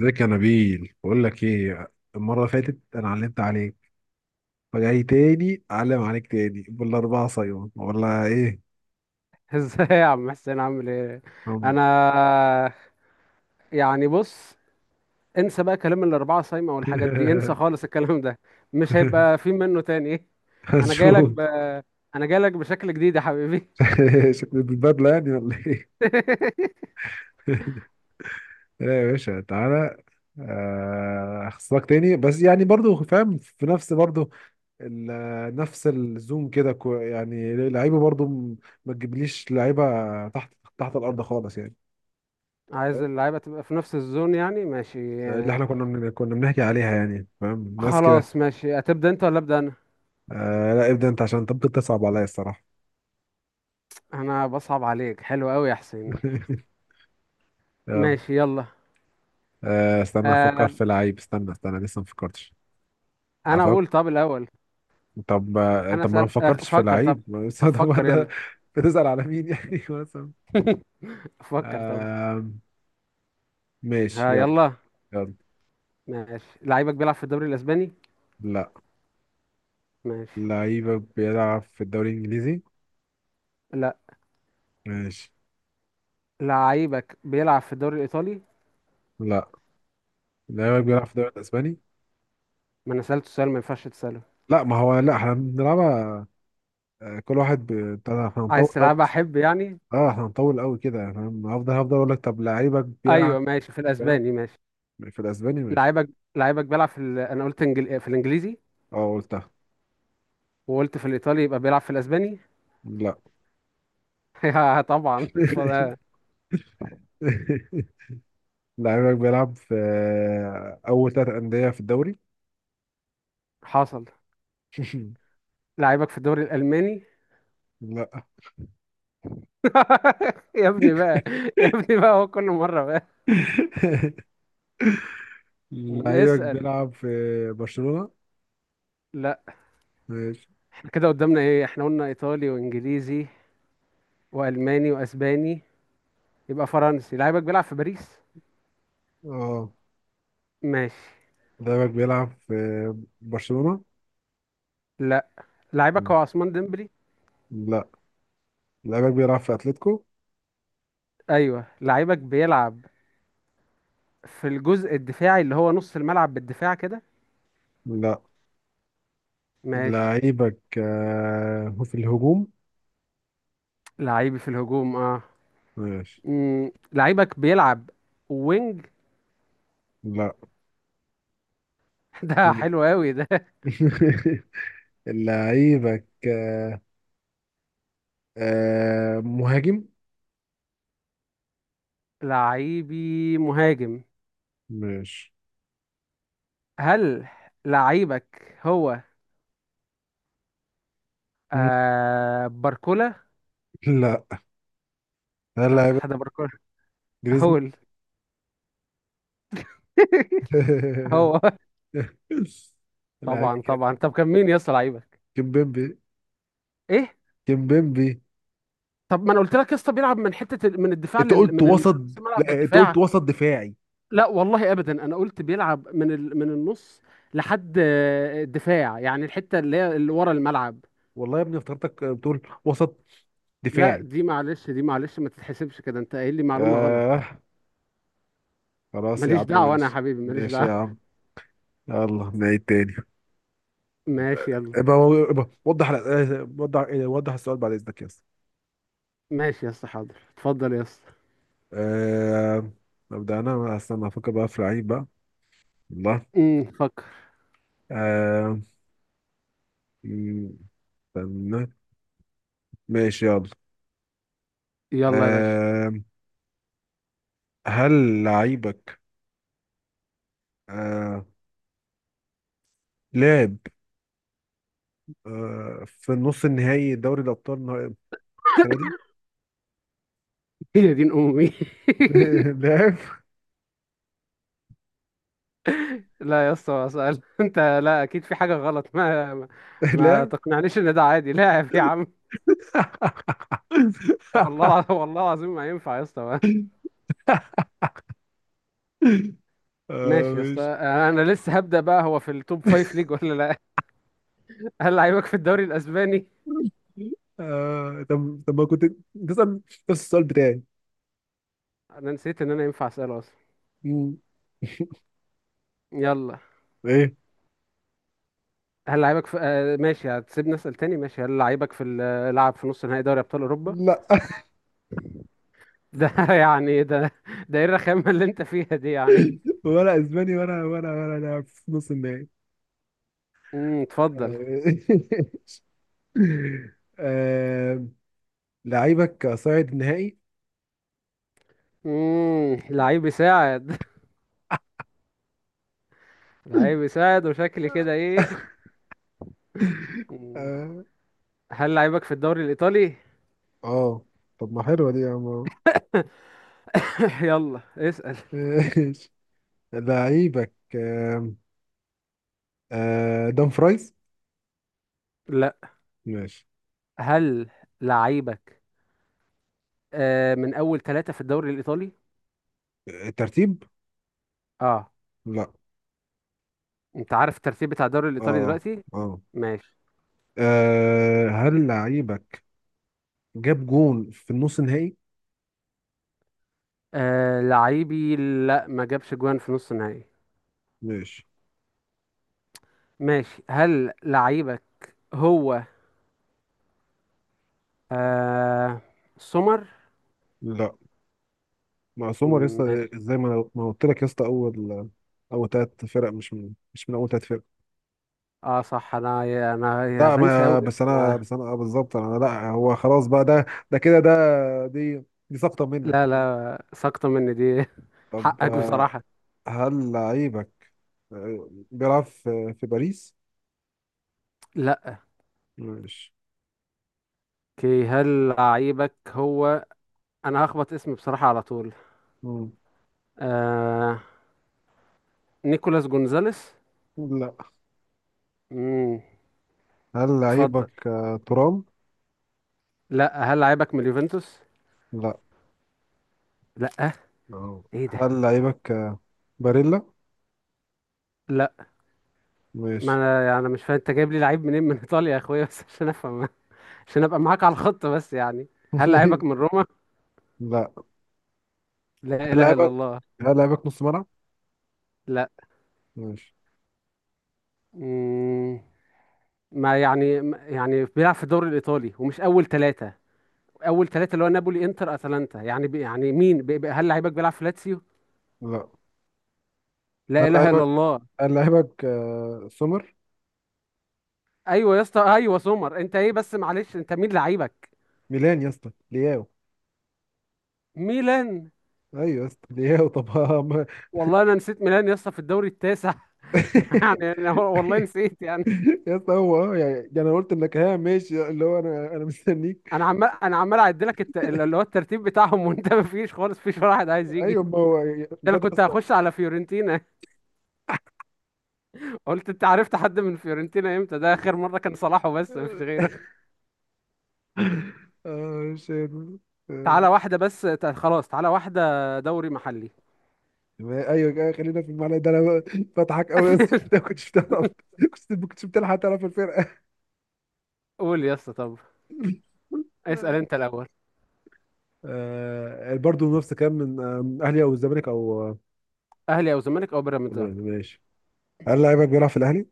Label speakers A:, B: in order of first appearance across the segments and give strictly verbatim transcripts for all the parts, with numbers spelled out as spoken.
A: ازيك يا نبيل؟ بقول لك ايه، المره اللي فاتت انا علمت عليك. فجاي تاني اعلم عليك تاني بالاربعه صيون ولا ايه؟
B: ازاي يا عم حسين، عامل ايه؟
A: هم.
B: انا يعني بص، انسى بقى كلام الاربعه صايمه والحاجات دي، انسى خالص الكلام ده. مش هيبقى في منه تاني ايه؟ انا جاي
A: هنشوف.
B: لك ب... انا جاي لك بشكل جديد يا حبيبي.
A: شكل البدله يعني ولا ايه؟ لا يا باشا، تعالى. آه، اخصك تاني، بس يعني برضو فاهم في نفس برضو، ال- نفس الزوم كده كو- يعني لعيبه برضو م- ما تجيبليش لعيبه تحت، تحت الارض خالص يعني.
B: عايز اللعيبه تبقى في نفس الزون يعني، ماشي
A: اللي
B: آه،
A: احنا كنا من... كنا بنحكي عليها يعني، فاهم، ناس كده.
B: خلاص ماشي، هتبدا انت ولا ابدا انا؟
A: آه، لا، ابدا انت عشان طب بتصعب عليا الصراحه.
B: انا بصعب عليك؟ حلو قوي يا حسين.
A: آه.
B: ماشي يلا.
A: آه، استنى
B: آه،
A: افكر في لعيب، استنى استنى لسه ما فكرتش.
B: انا
A: افكر
B: اقول طب الاول.
A: طب. آه،
B: انا
A: طب ما انا ما
B: اسال، آه،
A: فكرتش في
B: فكر طب.
A: لعيب. ما بس-
B: طب
A: طب
B: فكر
A: ده.
B: يلا.
A: بتسأل على مين يعني؟ مثلا.
B: فكر طب.
A: آه، ماشي،
B: ها
A: يلا.
B: يلا.
A: يلا.
B: ماشي. لعيبك بيلعب في الدوري الاسباني؟
A: لا.
B: ماشي.
A: لعيبك بيلعب في الدوري الانجليزي؟
B: لا.
A: ماشي.
B: لعيبك بيلعب في الدوري الإيطالي؟
A: لا. لعيبك بيلعب
B: مم.
A: في الدوري الاسباني؟
B: ما انا سألته سؤال ما ينفعش تسأله.
A: لا، ما هو لا، احنا بنلعبها. آه، كل واحد ب- بتاع ده، احنا
B: عايز
A: هنطول أوي.
B: تلعبها أحب يعني؟
A: اه، احنا هنطول قوي كده يعني، فاهم، هفضل هفضل اقول لك طب لعيبك
B: أيوه
A: بيلعب.
B: ماشي، في
A: فاهم.
B: الأسباني ماشي.
A: في الاسباني، ماشي.
B: لعيبك، لعيبك بيلعب في ال... أنا قلت إنجل... في الإنجليزي.
A: اه، قلتها.
B: وقلت في الإيطالي، يبقى بيلعب في الأسباني؟
A: لا.
B: يا طبعا اتفضل.
A: لعيبك بيلعب في اول ثلاث انديه في الدوري؟
B: حصل. لعيبك في الدوري الألماني؟
A: لا.
B: يا ابني بقى، يا ابني بقى، هو كل مرة بقى.
A: لعيبك
B: اسأل.
A: بيلعب في برشلونه؟
B: لا.
A: ماشي.
B: احنا كده قدامنا ايه؟ احنا قلنا ايطالي وانجليزي والماني واسباني، يبقى فرنسي. لعيبك بيلعب في باريس؟
A: اه،
B: ماشي.
A: لعيبك بيلعب في برشلونه.
B: لا. لعيبك
A: مم.
B: هو عثمان ديمبلي؟
A: لا، لعيبك بيلعب في اتلتيكو؟
B: ايوه. لعيبك بيلعب في الجزء الدفاعي اللي هو نص الملعب بالدفاع كده؟
A: لا،
B: ماشي.
A: لعيبك آه، في الهجوم؟
B: لعيبي في الهجوم اه.
A: ماشي.
B: مم. لعيبك بيلعب وينج؟
A: لا.
B: ده حلو قوي ده.
A: لعيبك آه، آه، مهاجم؟
B: لعيبي مهاجم؟
A: ماشي.
B: هل لعيبك هو
A: مم.
B: آه باركولا؟
A: لا. هل
B: لا صح، ده
A: لعيبك
B: باركولا
A: جريزمان؟
B: هول. هو طبعا
A: لعيبك
B: طبعا. طب كان مين يا اسطى لعيبك؟
A: كيمبيمبي.
B: ايه؟
A: كيمبيمبي.
B: طب ما انا قلت لك يا اسطى، بيلعب من حته ال- من الدفاع
A: انت
B: لل...
A: قلت
B: من ال-
A: وسط.
B: نص الملعب
A: لا، انت قلت
B: للدفاع.
A: وسط دفاعي.
B: لا والله ابدا، انا قلت بيلعب من ال... من النص لحد آه، الدفاع، يعني الحته اللي هي اللي ورا الملعب.
A: والله يا ابني افتكرتك بتقول وسط
B: لا
A: دفاعي.
B: دي معلش، دي معلش، ما تتحسبش كده، انت قايل لي معلومه غلط.
A: آه. خلاص يا
B: ماليش
A: عم،
B: دعوه انا يا
A: ماشي.
B: حبيبي، ماليش
A: ماشي يا
B: دعوه.
A: عم. يلا نعيد تاني.
B: ماشي يلا.
A: ابقى ابقى وضح آه، وضح آه، وضح السؤال بعد اذنك يا اسطى.
B: ماشي يا اسطى، حاضر، اتفضل يا اسطى.
A: آه، ابدا انا، استنى افكر بقى في لعيب بقى. والله.
B: امم فكر.
A: آه... م- استنى. ماشي، يلا.
B: يلا يا باشا.
A: آه... هل لعيبك آه... لعب آه... في نص النهائي دوري الأبطال النها- السنة دي؟
B: هي دين امي.
A: لعب.
B: لا يا اسطى سأل. انت لا اكيد في حاجه غلط. ما ما, ما
A: لعب.
B: تقنعنيش ان ده عادي. لاعب يا عم. والله الع- والله العظيم ما ينفع يا اسطى بقى.
A: آه...
B: ماشي يا اسطى،
A: ماشي.
B: آه، انا لسه هبدأ بقى. هو في التوب فايف ليج ولا لا؟ هل لعيبك في الدوري الاسباني؟
A: آه... طب طب ما كنت تسأل نفس السؤال بتاعي.
B: انا نسيت ان انا ينفع اساله اصلا.
A: مم.
B: يلا.
A: ايه.
B: هل لعيبك في آه ماشي، هتسيبني اسال تاني؟ ماشي. هل لعيبك في ال- آه، لعب في نص نهائي دوري ابطال اوروبا؟
A: لا،
B: ده يعني ده ده ايه الرخامه اللي انت فيها دي يعني؟
A: ولا اسباني، ولا ولا ولا لاعب في نص النهائي.
B: امم اتفضل.
A: آه. آه... لعيبك صاعد نهائي؟
B: امم لعيب يساعد؟ لعيب يساعد وشكلي كده ايه؟ مم.
A: اه.
B: هل لعيبك في الدوري الايطالي؟
A: آه. طب ما حلوة دي يا عم.
B: يلا اسال.
A: ماشي. لعيبك آم، آه، دان فرايز؟
B: لا.
A: ماشي.
B: هل لعيبك آه من اول ثلاثة في الدوري الايطالي؟
A: الترتيب؟
B: اه.
A: لا.
B: انت عارف الترتيب بتاع الدوري الايطالي
A: اه.
B: دلوقتي؟
A: اه.
B: ماشي.
A: آه، هل لعيبك جاب جون في النص النهائي؟
B: آه لعيبي، لا ما جابش جوان في نص النهائي.
A: ماشي.
B: ماشي. هل لعيبك هو آه سمر؟
A: لا. مع سومر
B: م-
A: يسطا،
B: ماشي.
A: زي ما ما قلت لك يا اسطى، اول اول ثلاث فرق، مش من مش من اول ثلاث فرق.
B: اه صح، انا انا أنا
A: لا،
B: بنسى
A: ما
B: قوي،
A: بس
B: لسه
A: انا
B: ما.
A: بس انا آه بالظبط انا، لا هو خلاص بقى، ده ده كده ده، دي دي سقطة منك.
B: لا لا، ساقطه مني دي،
A: طب
B: حقك
A: آه،
B: بصراحة.
A: هل لعيبك آه، بيلعب في في باريس؟
B: لا.
A: ماشي.
B: اوكي، هل لعيبك هو، انا هخبط اسمي بصراحة على طول،
A: مم.
B: آه نيكولاس جونزاليس؟
A: لا.
B: امم
A: هل
B: اتفضل.
A: لعيبك آه، ترام؟
B: لا. هل لعيبك من اليوفنتوس؟
A: لا.
B: لا.
A: أهو.
B: ايه ده؟
A: هل لعيبك آه، باريلا؟
B: لا، ما
A: ماشي.
B: انا يعني أنا مش فاهم، انت جايب لي لعيب منين من ايطاليا يا اخويا بس عشان افهم، عشان ابقى معاك على الخط بس يعني. هل لعيبك من روما؟
A: لا.
B: لا
A: هل
B: اله الا
A: لعيبك
B: الله.
A: هل لعيبك نص ملعب؟
B: لا.
A: ماشي.
B: امم ما يعني ما- يعني بيلعب في الدوري الايطالي ومش اول ثلاثة. اول ثلاثة اللي هو نابولي انتر اتلانتا، يعني بي، يعني مين، بي بي. هل لعيبك بيلعب في لاتسيو؟
A: لا. هل
B: لا اله الا
A: لعيبك
B: الله.
A: هل لعيبك آه، سومر؟
B: ايوه يا اسطى، ايوه سمر. انت ايه بس؟ معلش، انت مين لعيبك؟
A: ميلان يا اسطى، لياو.
B: ميلان؟
A: ايوه يا اسطى، لياو، طب.
B: والله انا نسيت ميلان يا اسطى في الدوري التاسع. يعني انا والله نسيت يعني.
A: يا اسطى هو، اه يعني ده، انا قلت انك، ها ماشي، اللي هو انا انا مستنيك.
B: انا عمال انا عمال اعد لك الت... اللي هو الترتيب بتاعهم، وانت ما فيش خالص، فيش ولا واحد عايز يجي.
A: ايوه، ما هو يعني
B: انا
A: بجد
B: كنت
A: اصلا.
B: هخش على فيورنتينا. قلت انت عرفت حد من فيورنتينا امتى؟ ده اخر مره كان صلاح وبس، ما فيش غيره.
A: اه، شيت. آه،
B: تعالى واحده بس تع- خلاص، تعالى واحده دوري محلي.
A: آه، ايوه كده، خلينا في المعنى ده، انا ب- بضحك قوي يا اسطى. انت ما كنتش بتعرف، كنت ما كنتش بتلحق تعرف الفرقه.
B: قول يا اسطى طب. اسال انت الاول.
A: آه، برضه نفس كام من آه، اهلي او الزمالك او آه،
B: اهلي او زمالك او بيراميدز أهو.
A: ماشي. هل لعيبك بيلعب في الاهلي؟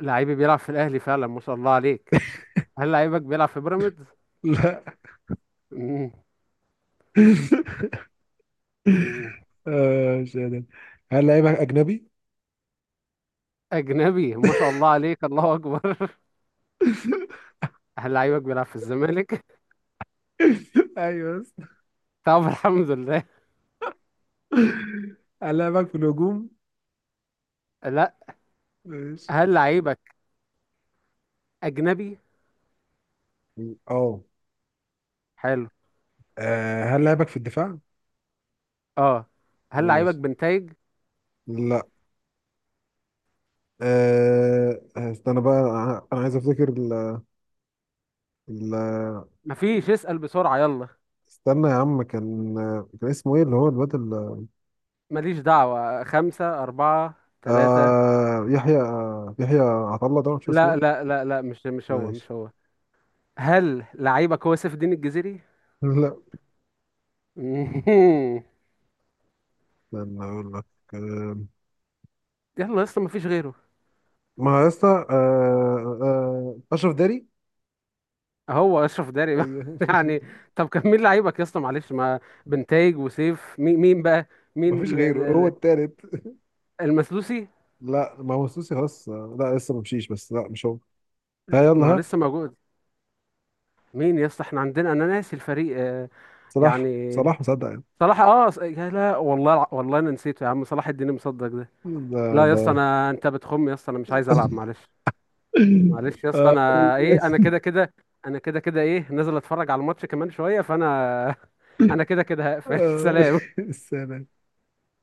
B: لعيبي بيلعب في الاهلي فعلا، ما شاء الله عليك. هل لعيبك بيلعب في بيراميدز؟
A: لا.
B: مم. مم.
A: آه، مش قادر. هل لعيبك اجنبي؟
B: أجنبي، ما شاء الله عليك، الله أكبر. هل لعيبك بيلعب في الزمالك؟
A: ايوه، بس
B: طب الحمد لله.
A: هلاعبك في الهجوم؟
B: لا.
A: ماشي.
B: هل لعيبك أجنبي؟
A: اه.
B: حلو.
A: آه، هل لعبك في الدفاع؟
B: أه. هل لعيبك
A: ماشي.
B: بنتايج؟
A: لا. أه، استنى بقى، انا أنا عايز افتكر ال ال
B: مفيش، اسأل بسرعة يلا.
A: استنى يا عم، كان كان اسمه ايه اللي هو الواد ال-
B: ماليش دعوة. خمسة، أربعة، ثلاثة.
A: آه، يحيى، يحيى عطله، ده مش اسمه
B: لا
A: ايه؟
B: لا لا لا، مش مش هو،
A: ماشي.
B: مش هو. هل لعيبك هو سيف الدين الجزيري؟
A: لا.
B: مهم.
A: استنى اقول لك. آه،
B: يلا يا اسطى مفيش غيره.
A: ما هو يا اسطى آه، آه، اشرف داري.
B: هو أشرف داري بقى.
A: ايوه.
B: يعني. طب كان مين لعيبك يا اسطى معلش، ما بنتايج وسيف، مين مين بقى؟ مين؟
A: مفيش غيره، هو التالت.
B: المسلوسي؟
A: لا، ما هو السوسي، خلاص لا، لسه ما مشيش، بس لا، مش هو. ها يلا،
B: ما هو
A: ها.
B: لسه موجود. مين يا اسطى؟ احنا عندنا، انا ناسي الفريق آه، يعني
A: صلاح صلاح مصدق يعني.
B: صلاح اه، ص- يا لا والله الع- والله انا نسيته يا عم، صلاح الدين مصدق ده.
A: ده.
B: لا يا
A: ده.
B: اسطى، انا، انت بتخم يا اسطى، انا مش عايز العب معلش. معلش يا اسطى، انا
A: آه،
B: ايه، انا كده كده. انا كده كده ايه، نازل اتفرج على الماتش كمان شويه، فانا انا كده كده هقفل.
A: آه،
B: سلام.
A: السلام.